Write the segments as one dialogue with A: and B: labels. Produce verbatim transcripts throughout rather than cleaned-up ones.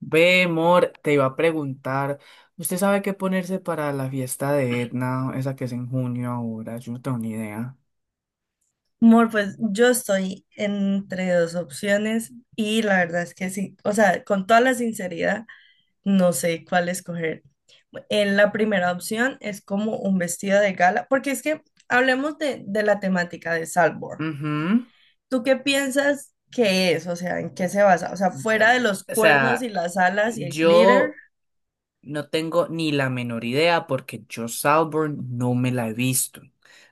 A: Ve, Mor, te iba a preguntar, ¿usted sabe qué ponerse para la fiesta de Etna, esa que es en junio ahora? Yo no tengo ni idea.
B: Mor, pues yo estoy entre dos opciones y la verdad es que sí, o sea, con toda la sinceridad, no sé cuál escoger. En la primera opción es como un vestido de gala, porque es que hablemos de, de la temática de Salvor.
A: Ujú.
B: ¿Tú qué piensas que es? O sea, ¿en qué se basa? O sea, fuera
A: Am-
B: de los
A: O
B: cuernos y
A: sea,
B: las alas y el glitter,
A: yo no tengo ni la menor idea porque yo Salborn no me la he visto.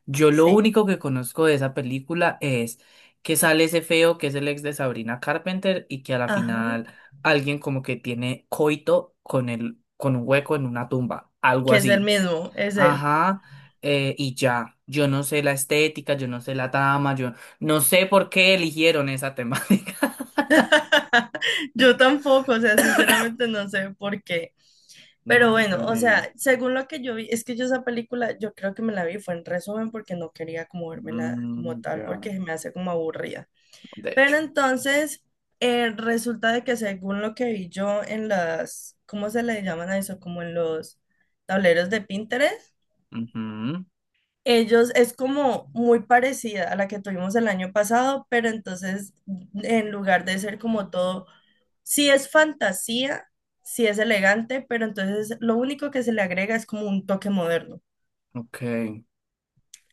A: Yo lo
B: sí,
A: único que conozco de esa película es que sale ese feo que es el ex de Sabrina Carpenter y que a la
B: ajá,
A: final alguien como que tiene coito con el, con un hueco en una tumba, algo
B: que es el
A: así.
B: mismo, es él.
A: Ajá, eh, y ya, yo no sé la estética, yo no sé la trama, yo no sé por qué eligieron esa temática.
B: Yo tampoco, o sea, sinceramente no sé por qué. Pero
A: No
B: bueno,
A: tengo
B: o
A: ni idea.
B: sea, según lo que yo vi, es que yo esa película, yo creo que me la vi, fue en resumen porque no quería como vérmela como
A: Mm,
B: tal,
A: ya.
B: porque se me hace como aburrida.
A: De hecho.
B: Pero entonces, eh, resulta de que según lo que vi yo en las, ¿cómo se le llaman a eso? Como en los tableros de Pinterest,
A: Ujú.
B: ellos es como muy parecida a la que tuvimos el año pasado, pero entonces en lugar de ser como todo, sí es fantasía, sí es elegante, pero entonces lo único que se le agrega es como un toque moderno.
A: Ok.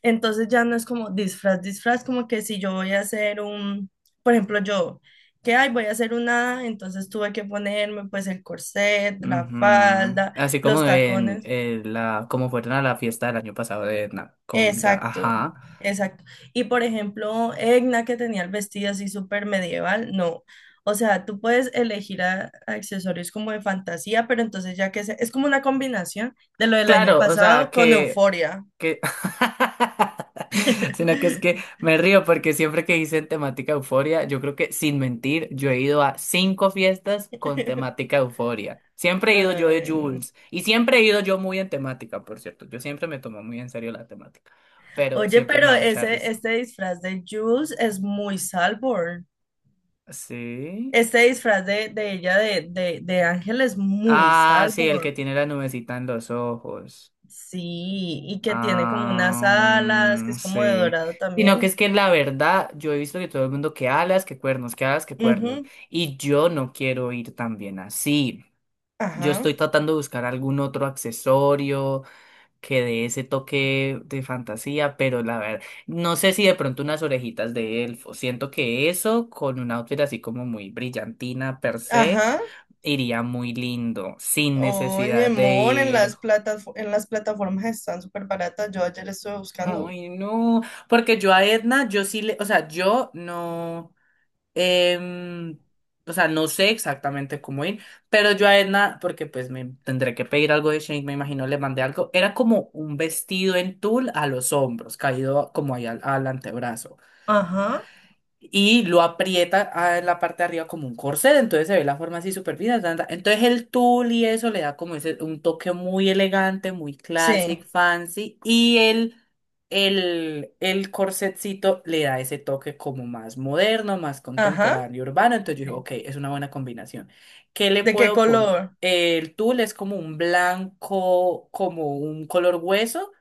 B: Entonces ya no es como disfraz, disfraz, como que si yo voy a hacer un, por ejemplo, yo, que ay, voy a hacer una, entonces tuve que ponerme pues el corset, la
A: Ujú.
B: falda,
A: Así como
B: los
A: en,
B: tacones.
A: eh, la, como fueron a la fiesta del año pasado de Na- con Ga-
B: Exacto,
A: Ajá.
B: exacto. Y por ejemplo, Egna que tenía el vestido así súper medieval, no. O sea, tú puedes elegir a- accesorios como de fantasía, pero entonces ya que se- es como una combinación de lo del año
A: Claro, o sea
B: pasado con
A: que
B: Euforia.
A: que sino que es que me río porque siempre que dicen temática euforia, yo creo que sin mentir, yo he ido a cinco fiestas con temática euforia. Siempre he ido yo de
B: Ay, no.
A: Jules y siempre he ido yo muy en temática, por cierto. Yo siempre me tomo muy en serio la temática, pero
B: Oye,
A: siempre me
B: pero
A: da mucha
B: ese,
A: risa.
B: este disfraz de Jules es muy Salborn.
A: Sí.
B: Este disfraz de, de ella de, de, de Ángel es muy
A: Ah, sí, el que
B: Salborn.
A: tiene la nubecita en los ojos.
B: Sí, y que tiene como unas
A: Ah,
B: alas, que
A: mm,
B: es como de
A: sí.
B: dorado
A: Sino que
B: también.
A: es que la verdad, yo he visto que todo el mundo que alas, que cuernos, que alas, que cuernos.
B: Ujú,
A: Y yo no quiero ir tan bien así. Yo
B: ajá,
A: estoy tratando de buscar algún otro accesorio que dé ese toque de fantasía, pero la verdad, no sé si de pronto unas orejitas de elfo. Siento que eso, con un outfit así como muy brillantina per se,
B: ajá.
A: iría muy lindo, sin
B: Oye,
A: necesidad de
B: mon, en
A: ir.
B: las platas, en las plataformas están súper baratas. Yo ayer estuve buscando.
A: Ay, no, porque yo a Edna, yo sí le, o sea, yo no, em, o sea, no sé exactamente cómo ir, pero yo a Edna, porque pues me tendré que pedir algo de Shane, me imagino le mandé algo, era como un vestido en tul a los hombros, caído como ahí al, al antebrazo
B: Ajá,
A: y lo aprieta a en la parte de arriba como un corset, entonces se ve la forma así súper fina. Tan, tan. Entonces el tul y eso le da como ese, un toque muy elegante, muy
B: sí,
A: classic, fancy, y el, el, el corsetcito le da ese toque como más moderno, más
B: ajá,
A: contemporáneo, urbano, entonces yo
B: sí.
A: dije, ok, es una buena combinación. ¿Qué le
B: ¿De qué
A: puedo poner?
B: color?
A: El tul es como un blanco, como un color hueso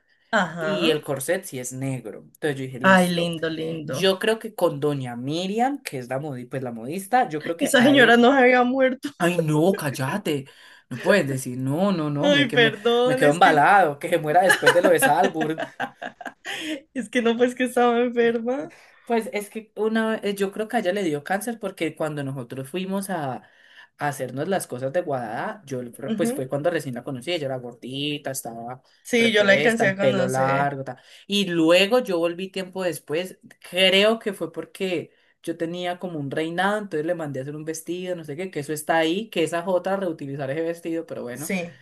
A: y
B: Ajá.
A: el corset sí es negro. Entonces yo dije,
B: Ay,
A: listo.
B: lindo, lindo.
A: Yo creo que con Doña Miriam, que es la modi- pues la modista, yo creo que
B: Esa
A: a e-
B: señora no se había muerto.
A: Ay, no, cállate. No puedes decir, no, no, no, me,
B: Ay,
A: que me, me
B: perdón,
A: quedo
B: es que
A: embalado, que se muera después de lo de Salburn.
B: es que no, pues que estaba enferma.
A: Pues es que una, eh, yo creo que a ella le dio cáncer porque cuando nosotros fuimos a, a hacernos las cosas de Guadalajara, yo le- pues
B: Ujú.
A: fue cuando recién la conocí, ella era gordita, estaba
B: Sí, yo la
A: repuesta,
B: alcancé
A: el
B: a
A: pelo
B: conocer.
A: largo, tal. Y luego yo volví tiempo después, creo que fue porque yo tenía como un reinado, entonces le mandé a hacer un vestido, no sé qué, que eso está ahí, que esa jota reutilizar ese vestido, pero bueno.
B: Sí.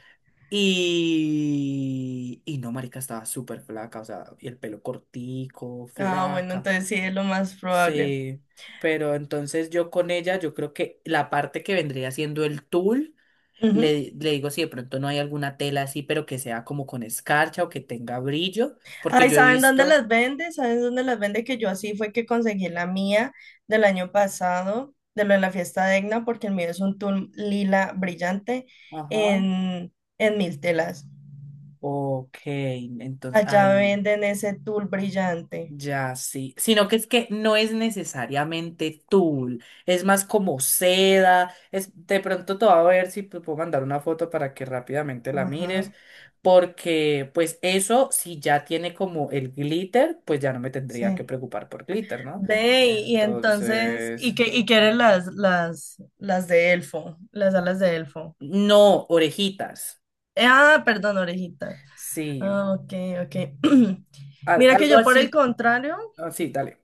A: Y, y no, marica, estaba súper flaca, o sea, y el pelo cortico,
B: Ah, bueno,
A: flaca.
B: entonces sí es lo más probable.
A: Sí, pero entonces yo con ella, yo creo que la parte que vendría siendo el tul,
B: Ujú.
A: le, le digo si de pronto no hay alguna tela así, pero que sea como con escarcha o que tenga brillo, porque
B: Ay,
A: yo he
B: ¿saben dónde
A: visto.
B: las vende? ¿Saben dónde las vende? Que yo así fue que conseguí la mía del año pasado, de lo de la fiesta de Egna, porque el mío es un tul lila brillante
A: Ajá.
B: en, en mil telas.
A: Ok, entonces
B: Allá
A: ahí.
B: venden ese tul brillante.
A: Ya, sí. Sino que es que no es necesariamente tul, es más como seda. Es, de pronto te voy a ver si te puedo mandar una foto para que rápidamente la mires.
B: Ajá,
A: Porque, pues, eso, si ya tiene como el glitter, pues ya no me tendría
B: sí.
A: que preocupar por glitter, ¿no?
B: Ve, y, y entonces, ¿y
A: Entonces.
B: qué, y qué eran las, las, las de elfo? Las alas de elfo.
A: No, orejitas.
B: Eh, ah, perdón, orejita.
A: Sí.
B: Ah, ok, ok.
A: Al-
B: Mira que
A: algo
B: yo por el
A: así.
B: contrario,
A: Así, dale.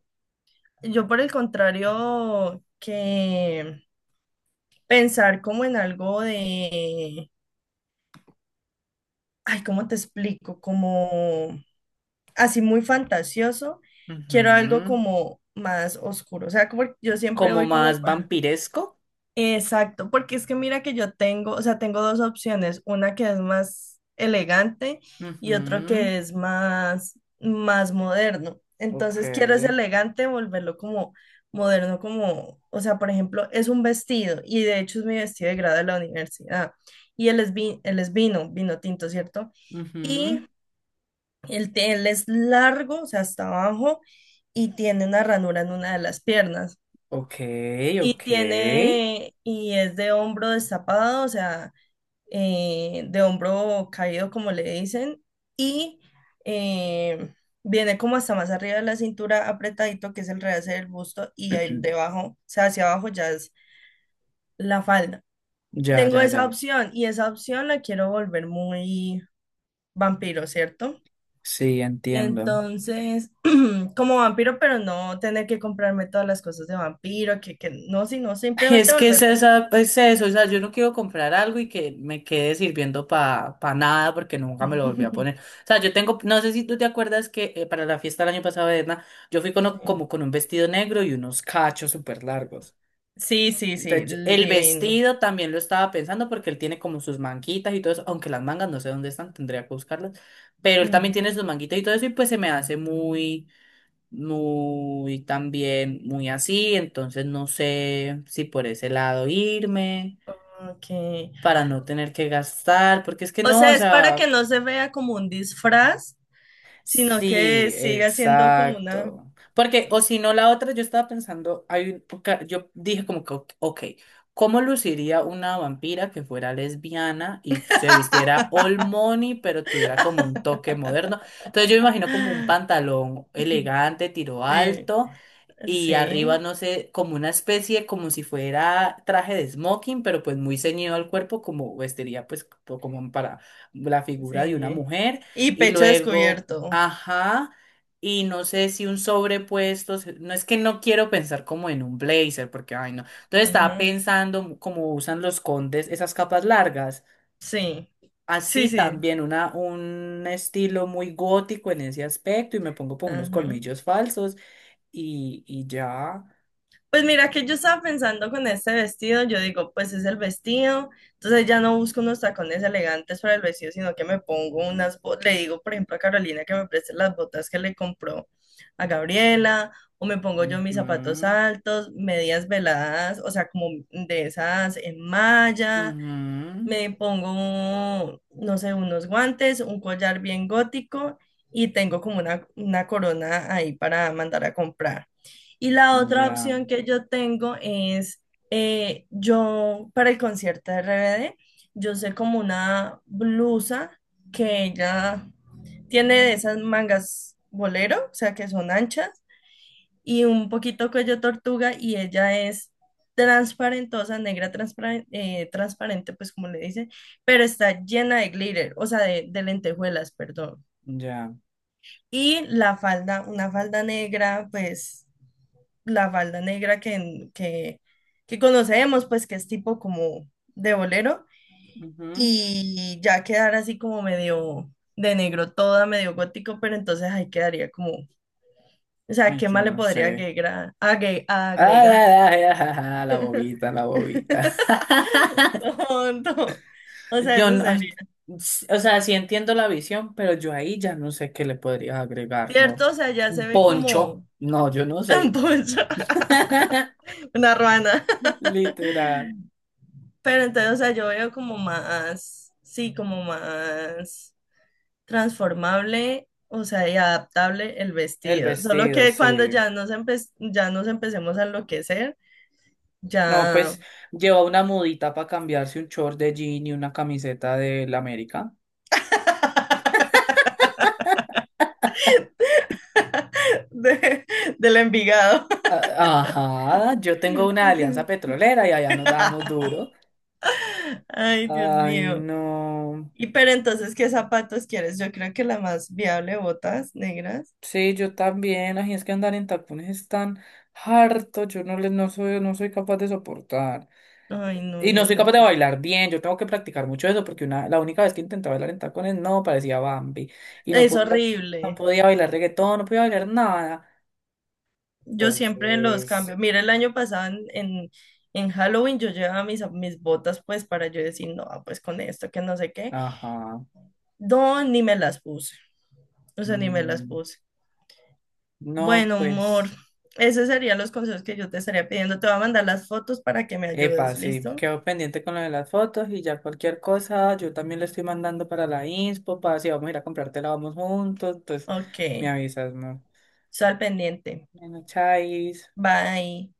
B: yo por el contrario que pensar como en algo de, ay, ¿cómo te explico? Como así muy fantasioso, quiero algo
A: Ujú.
B: como más oscuro. O sea, como yo siempre
A: Como
B: voy como
A: más vampiresco.
B: exacto, porque es que mira que yo tengo, o sea, tengo dos opciones, una que es más elegante y otro
A: Ujú.
B: que es más, más moderno.
A: Ok.
B: Entonces quiero ese elegante, volverlo como moderno, como, o sea, por ejemplo, es un vestido y de hecho es mi vestido de grado de la universidad y él es, vi- él es vino, vino tinto, ¿cierto?
A: Ujú.
B: Y el, él es largo, o sea, hasta abajo y tiene una ranura en una de las piernas.
A: Ok,
B: Y
A: ok.
B: tiene, y es de hombro destapado, o sea, eh, de hombro caído, como le dicen, y eh, viene como hasta más arriba de la cintura apretadito, que es el realce del busto, y ahí debajo, o sea, hacia abajo ya es la falda.
A: Ya,
B: Tengo
A: ya, ya.
B: esa opción, y esa opción la quiero volver muy vampiro, ¿cierto?
A: Sí, entiendo.
B: Entonces, como vampiro, pero no tener que comprarme todas las cosas de vampiro, que, que no, sino
A: Ay,
B: simplemente
A: es que es
B: volverlo.
A: esa, es eso, o sea, yo no quiero comprar algo y que me quede sirviendo para nada porque nunca me lo volví a poner. O sea, yo tengo, no sé si tú te acuerdas que eh, para la fiesta del año pasado de Edna, yo fui con,
B: Sí,
A: o- como con un vestido negro y unos cachos súper largos.
B: sí, sí, sí,
A: Entonces, yo-
B: li-
A: el
B: divino.
A: vestido también lo estaba pensando porque él tiene como sus manguitas y todo eso, aunque las mangas no sé dónde están, tendría que buscarlas, pero él también tiene
B: Ujú,
A: sus manguitas y todo eso y pues se me hace muy, muy también, muy así, entonces no sé si por ese lado irme
B: ok.
A: para no tener que gastar, porque es que
B: O
A: no, o
B: sea, es para
A: sea...
B: que no se vea como un disfraz, sino que
A: Sí,
B: siga siendo como una...
A: exacto. Porque, o si no, la otra, yo estaba pensando, hay un- porque yo dije como que, ok, ok, ¿cómo luciría una vampira que fuera lesbiana y se vistiera all money, pero tuviera como un toque moderno? Entonces yo me imagino como un pantalón elegante, tiro
B: Sí,
A: alto, y arriba,
B: sí,
A: no sé, como una especie, como si fuera traje de smoking, pero pues muy ceñido al cuerpo, como vestiría pues co- como para la figura de una
B: sí.
A: mujer.
B: Y
A: Y
B: pecho
A: luego,
B: descubierto.
A: ajá, y no sé si un sobrepuesto, se- no es que no quiero pensar como en un blazer, porque, ay, no. Entonces estaba
B: Ajá.
A: pensando como usan los condes esas capas largas.
B: Sí, sí,
A: Así
B: sí.
A: también una, un estilo muy gótico en ese aspecto y me pongo pues unos
B: Ajá.
A: colmillos falsos y, y ya.
B: Pues mira que yo estaba pensando con este vestido, yo digo, pues es el vestido, entonces ya no busco unos tacones elegantes para el vestido, sino que me pongo unas, bo- le digo, por ejemplo, a Carolina que me preste las botas que le compró a Gabriela, o me pongo yo mis zapatos
A: Ujú,
B: altos, medias veladas, o sea, como de esas en malla,
A: ujú.
B: me pongo, no sé, unos guantes, un collar bien gótico y tengo como una, una corona ahí para mandar a comprar. Y la otra
A: Ya,
B: opción que yo tengo es, eh, yo para el concierto de R B D, yo sé como una blusa que ella tiene de esas mangas bolero, o sea, que son anchas, y un poquito cuello tortuga y ella es transparentosa, negra transparen- eh, transparente, pues como le dicen, pero está llena de glitter, o sea, de, de lentejuelas, perdón.
A: ya.
B: Y la falda, una falda negra, pues la falda negra que, que, que conocemos, pues que es tipo como de bolero
A: Ujú.
B: y ya quedar así como medio de negro toda, medio gótico, pero entonces ahí quedaría como, o sea,
A: Ay,
B: ¿qué
A: yo
B: más le
A: no
B: podría
A: sé.
B: agregar? Agre-
A: Ay,
B: ¿agregar?
A: ay, ay, ay, ay, la bobita, la bobita.
B: Tonto. O sea,
A: Yo
B: eso
A: no, ay,
B: sería.
A: s- o sea, sí entiendo la visión, pero yo ahí ya no sé qué le podrías agregar, amor.
B: ¿Cierto? O sea, ya
A: Un
B: se ve como
A: poncho.
B: un
A: No, yo no sé.
B: poncho, una ruana.
A: Literal.
B: Pero entonces, o sea, yo veo como más, sí, como más transformable, o sea, y adaptable el
A: El
B: vestido. Solo
A: vestido,
B: que cuando
A: sí.
B: ya nos empe- ya nos empecemos a enloquecer,
A: No,
B: ya
A: pues lleva una mudita para cambiarse un short de jean y una camiseta del América.
B: de- del Envigado.
A: Ah, ajá, yo tengo una alianza petrolera y allá nos damos duro.
B: Ay, Dios
A: Ay,
B: mío.
A: no.
B: Y pero entonces, ¿qué zapatos quieres? Yo creo que la más viable, botas negras.
A: Sí, yo también. Ay, es que andar en tapones es tan harto. Yo no les, no soy, no soy capaz de soportar.
B: Ay, no,
A: Y no
B: yo
A: soy capaz de
B: tampoco.
A: bailar bien. Yo tengo que practicar mucho eso porque una, la única vez que intenté bailar en tacones no parecía Bambi. Y no
B: Es
A: podía, no
B: horrible.
A: podía bailar reggaetón, no podía bailar nada.
B: Yo siempre los
A: Entonces,
B: cambio. Mira, el año pasado en, en, en Halloween yo llevaba mis, mis botas pues para yo decir, no, pues con esto, que no sé qué.
A: ajá.
B: No, ni me las puse. O sea, ni me las
A: Mm,
B: puse.
A: no,
B: Bueno, amor,
A: pues.
B: esos serían los consejos que yo te estaría pidiendo. Te voy a mandar las fotos para que me
A: Epa,
B: ayudes,
A: sí,
B: ¿listo?
A: quedo pendiente con lo de las fotos y ya cualquier cosa, yo también le estoy mandando para la inspo, para si vamos a ir a comprártela, vamos juntos, entonces
B: Ok,
A: me avisas, ¿no?
B: sal pendiente.
A: Bueno, chais.
B: Bye.